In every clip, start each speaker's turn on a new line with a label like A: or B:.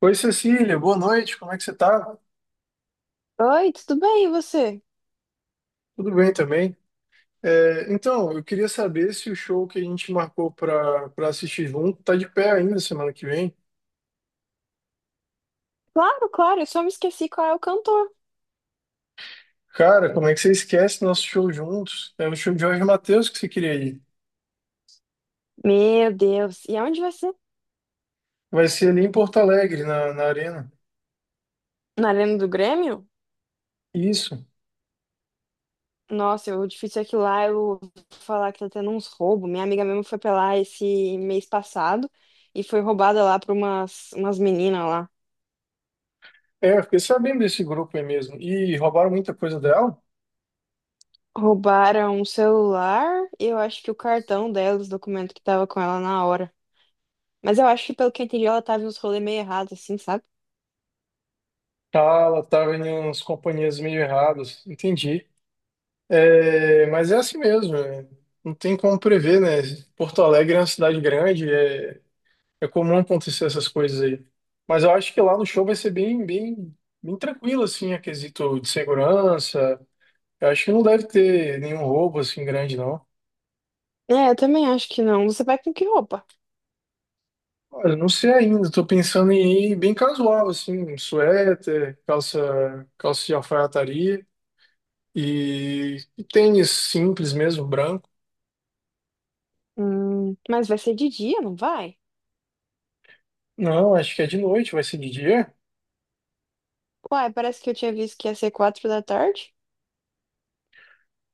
A: Oi, Cecília, boa noite, como é que você tá?
B: Oi, tudo bem? E você?
A: Tudo bem também? Eu queria saber se o show que a gente marcou para assistir junto tá de pé ainda semana que vem.
B: Claro, claro, eu só me esqueci qual é o cantor.
A: Cara, como é que você esquece nosso show juntos? É o show de Jorge Mateus que você queria ir.
B: Meu Deus, e aonde vai ser?
A: Vai ser ali em Porto Alegre, na Arena.
B: Na Arena do Grêmio?
A: Isso.
B: Nossa, o difícil é que lá eu vou falar que tá tendo uns roubos. Minha amiga mesmo foi pra lá esse mês passado e foi roubada lá por umas meninas lá.
A: É, eu fiquei sabendo desse grupo aí mesmo. E roubaram muita coisa dela?
B: Roubaram um celular e eu acho que o cartão dela, os documentos que tava com ela na hora. Mas eu acho que, pelo que eu entendi, ela tava em uns rolês meio errados, assim, sabe?
A: Tá, ela tava em umas companhias meio erradas. Entendi. É, mas é assim mesmo, é, não tem como prever, né? Porto Alegre é uma cidade grande, é, é comum acontecer essas coisas aí. Mas eu acho que lá no show vai ser bem tranquilo, assim, a quesito de segurança. Eu acho que não deve ter nenhum roubo, assim, grande, não.
B: É, eu também acho que não. Você vai com que roupa?
A: Olha, não sei ainda, tô pensando em ir bem casual, assim, um suéter, calça de alfaiataria e tênis simples mesmo, branco.
B: Mas vai ser de dia, não vai?
A: Não, acho que é de noite, vai ser de dia.
B: Uai, parece que eu tinha visto que ia ser 4 da tarde.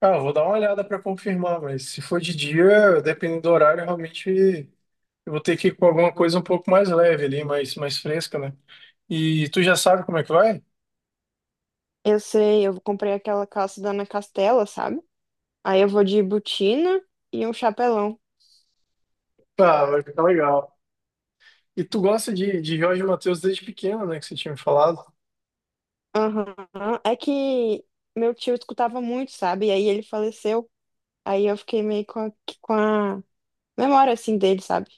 A: Ah, eu vou dar uma olhada para confirmar, mas se for de dia, dependendo do horário, realmente eu vou ter que ir com alguma coisa um pouco mais leve ali, mais fresca, né? E tu já sabe como é que vai?
B: Eu sei, eu comprei aquela calça da Ana Castela, sabe? Aí eu vou de botina e um chapelão.
A: Ah, vai ficar legal. E tu gosta de Jorge Mateus desde pequeno, né? Que você tinha me falado.
B: Aham. É que meu tio escutava muito, sabe? E aí ele faleceu. Aí eu fiquei meio com a memória, assim, dele, sabe?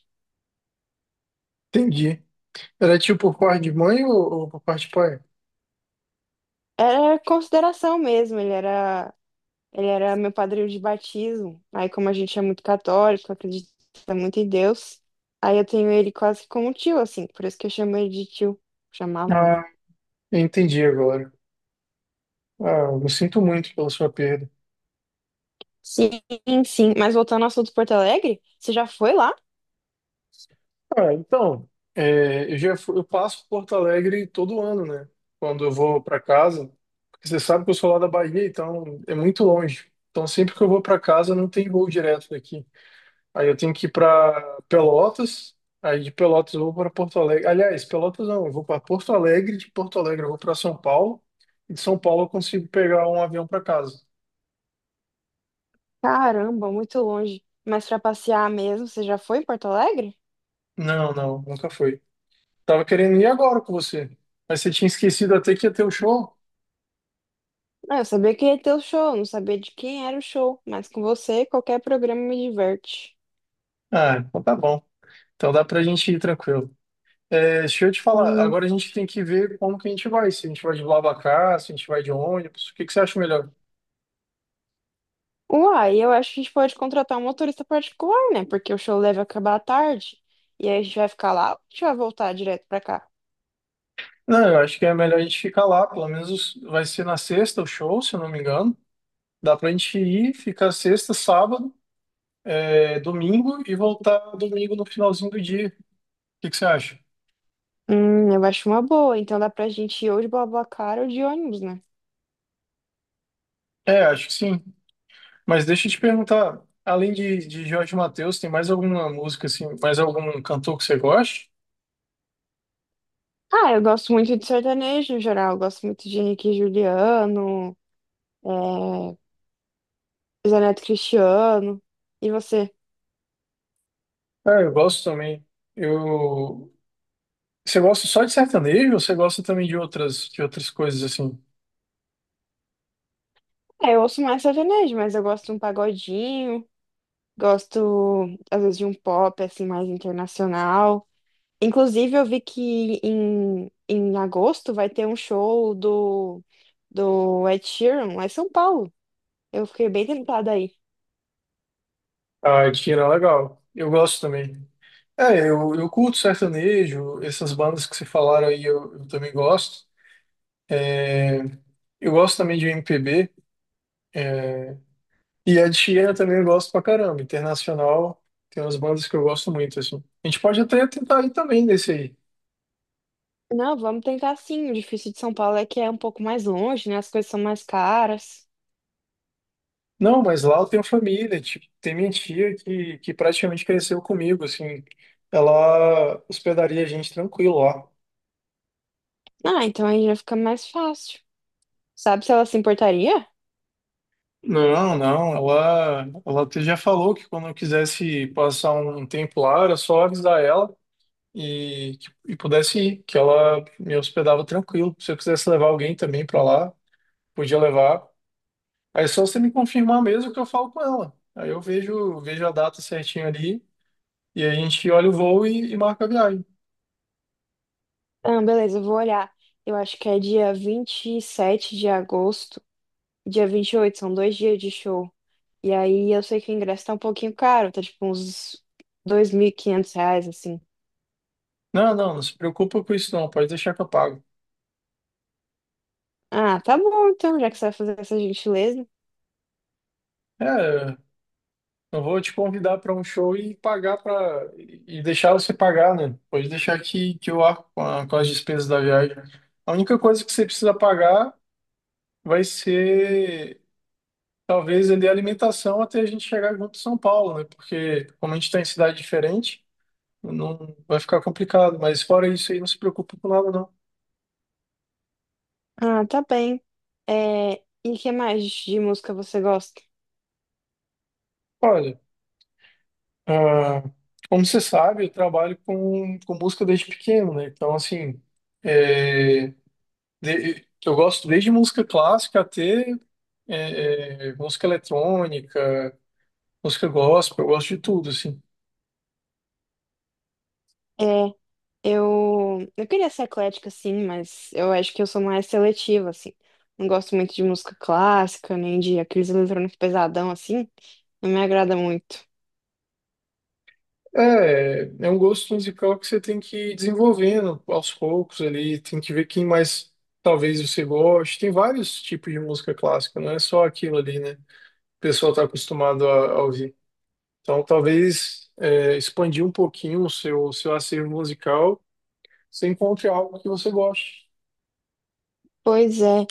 A: Entendi. Era tio por parte de mãe ou por parte de pai?
B: Era consideração mesmo. Ele era meu padrinho de batismo. Aí como a gente é muito católico, acredita muito em Deus, aí eu tenho ele quase como tio, assim. Por isso que eu chamo ele de tio. Chamava, né?
A: Ah, eu entendi agora. Ah, eu sinto muito pela sua perda.
B: Sim, sim. Mas voltando ao assunto de Porto Alegre, você já foi lá?
A: Ah, então, é, eu passo por Porto Alegre todo ano, né? Quando eu vou para casa, porque você sabe que eu sou lá da Bahia, então é muito longe. Então sempre que eu vou para casa não tem voo direto daqui. Aí eu tenho que ir para Pelotas, aí de Pelotas eu vou para Porto Alegre. Aliás, Pelotas não, eu vou para Porto Alegre, de Porto Alegre eu vou para São Paulo, e de São Paulo eu consigo pegar um avião para casa.
B: Caramba, muito longe. Mas pra passear mesmo, você já foi em Porto Alegre?
A: Não, não, nunca foi. Tava querendo ir agora com você, mas você tinha esquecido até que ia ter o show.
B: Ah, eu sabia que ia ter o show, não sabia de quem era o show. Mas com você, qualquer programa me diverte.
A: Ah, então tá bom. Então dá pra gente ir tranquilo. É, deixa eu te falar,
B: Sim.
A: agora a gente tem que ver como que a gente vai, se a gente vai de BlaBlaCar, se a gente vai de ônibus, o que que você acha melhor?
B: Uai, eu acho que a gente pode contratar um motorista particular, né? Porque o show deve acabar à tarde. E aí a gente vai ficar lá ou a gente vai voltar direto pra cá?
A: Não, eu acho que é melhor a gente ficar lá, pelo menos vai ser na sexta o show, se eu não me engano. Dá pra gente ir, ficar sexta, sábado, é, domingo e voltar domingo no finalzinho do dia. O que que você acha?
B: Eu acho uma boa. Então dá pra gente ir ou de BlaBlaCar ou de ônibus, né?
A: É, acho que sim. Mas deixa eu te perguntar, além de Jorge Mateus, tem mais alguma música assim, mais algum cantor que você goste?
B: Ah, eu gosto muito de sertanejo em geral. Eu gosto muito de Henrique e Juliano, é, Zé Neto e Cristiano. E você?
A: Ah, eu gosto também. Eu Você gosta só de sertanejo ou você gosta também de outras coisas assim?
B: É, eu ouço mais sertanejo, mas eu gosto de um pagodinho, gosto às vezes de um pop assim mais internacional. Inclusive, eu vi que em agosto vai ter um show do Ed Sheeran lá em São Paulo. Eu fiquei bem tentada aí.
A: Ah, Tira, legal. Eu gosto também. É, eu curto sertanejo, essas bandas que você falaram aí eu também gosto. É, eu gosto também de MPB. É, e a Tira também eu gosto pra caramba. Internacional, tem umas bandas que eu gosto muito, assim. A gente pode até tentar ir também nesse aí.
B: Não, vamos tentar sim. O difícil de São Paulo é que é um pouco mais longe, né? As coisas são mais caras.
A: Não, mas lá eu tenho família, tipo, tem minha tia que praticamente cresceu comigo, assim. Ela hospedaria a gente tranquilo lá.
B: Ah, então aí já fica mais fácil. Sabe se ela se importaria?
A: Não, não, ela até já falou que quando eu quisesse passar um tempo lá, era só avisar ela e pudesse ir, que ela me hospedava tranquilo. Se eu quisesse levar alguém também para lá, podia levar. Aí é só você me confirmar mesmo que eu falo com ela. Aí eu vejo a data certinho ali e a gente olha o voo e marca a viagem.
B: Ah, beleza, eu vou olhar. Eu acho que é dia 27 de agosto, dia 28. São dois dias de show. E aí eu sei que o ingresso tá um pouquinho caro, tá tipo uns R$ 2.500, assim.
A: Não, não, não se preocupa com isso não, pode deixar que eu pago.
B: Ah, tá bom então, já que você vai fazer essa gentileza.
A: É, não vou te convidar para um show e pagar para e deixar você pagar, né? Pode deixar que eu arco com, com as despesas da viagem. A única coisa que você precisa pagar vai ser talvez ali a alimentação até a gente chegar junto em São Paulo, né? Porque como a gente está em cidade diferente, não vai ficar complicado, mas fora isso aí não se preocupa com nada não.
B: Ah, tá bem. É, e que mais de música você gosta?
A: Olha, ah, como você sabe, eu trabalho com música desde pequeno, né? Então, assim, é, eu gosto desde música clássica até música eletrônica, música gospel, eu gosto de tudo, assim.
B: É, eu queria ser eclética, sim, mas eu acho que eu sou mais seletiva, assim. Não gosto muito de música clássica, nem de aqueles eletrônicos pesadão, assim. Não me agrada muito.
A: É, é um gosto musical que você tem que ir desenvolvendo aos poucos ali, tem que ver quem mais talvez você goste. Tem vários tipos de música clássica, não é só aquilo ali, né? O pessoal está acostumado a ouvir. Então, talvez é, expandir um pouquinho o seu acervo musical, você encontre algo que você goste.
B: Pois é.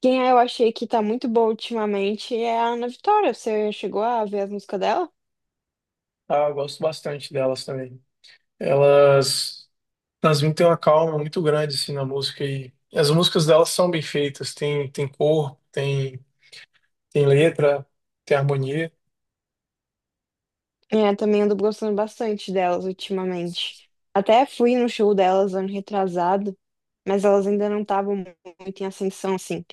B: Quem é, eu achei que tá muito boa ultimamente é a Ana Vitória. Você chegou a ver as músicas dela?
A: Ah, eu gosto bastante delas também. Elas transmitem uma calma muito grande assim, na música e as músicas delas são bem feitas, tem, tem corpo, tem, tem letra, tem harmonia.
B: É, também ando gostando bastante delas ultimamente. Até fui no show delas ano retrasado, mas elas ainda não estavam muito em ascensão, assim.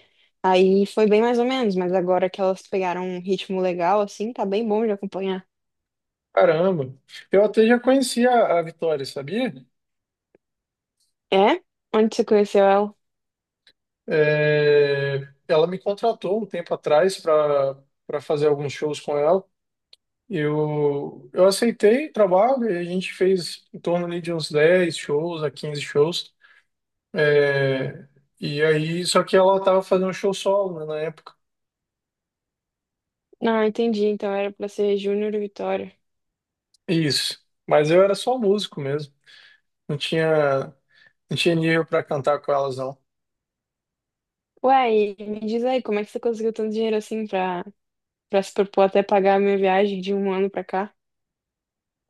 B: Aí foi bem mais ou menos, mas agora que elas pegaram um ritmo legal, assim, tá bem bom de acompanhar.
A: Caramba! Eu até já conhecia a Vitória, sabia?
B: É? Onde você conheceu ela?
A: É, ela me contratou um tempo atrás para fazer alguns shows com ela. Eu aceitei o trabalho e a gente fez em torno ali de uns 10 shows a 15 shows. É, e aí, só que ela tava fazendo um show solo, né, na época.
B: Não, entendi. Então era pra ser Júnior e Vitória.
A: Isso. Mas eu era só músico mesmo. Não tinha, não tinha nível para cantar com elas, não.
B: Ué, e me diz aí, como é que você conseguiu tanto dinheiro assim pra, pra se propor até pagar a minha viagem de um ano pra cá?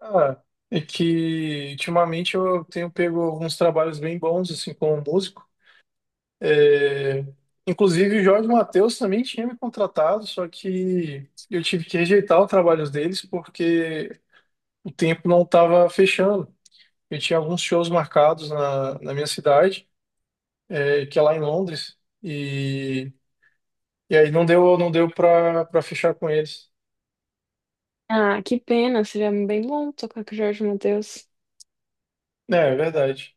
A: Ah, é que ultimamente eu tenho pego alguns trabalhos bem bons, assim, como músico. É, inclusive, o Jorge Mateus também tinha me contratado, só que eu tive que rejeitar os trabalhos deles porque o tempo não estava fechando. Eu tinha alguns shows marcados na minha cidade, é, que é lá em Londres, e aí não deu, não deu para fechar com eles.
B: Ah, que pena, seria bem bom tocar com o Jorge Mateus.
A: É, é verdade.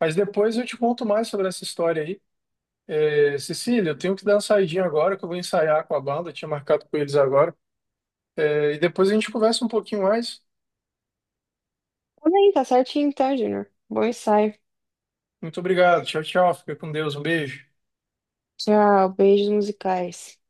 A: Mas depois eu te conto mais sobre essa história aí. É, Cecília, eu tenho que dar uma saidinha agora, que eu vou ensaiar com a banda, eu tinha marcado com eles agora. É, e depois a gente conversa um pouquinho mais.
B: Tudo bem, tá certinho então, Júnior. Bom ensaio.
A: Muito obrigado. Tchau, tchau. Fica com Deus. Um beijo.
B: Tchau, beijos musicais.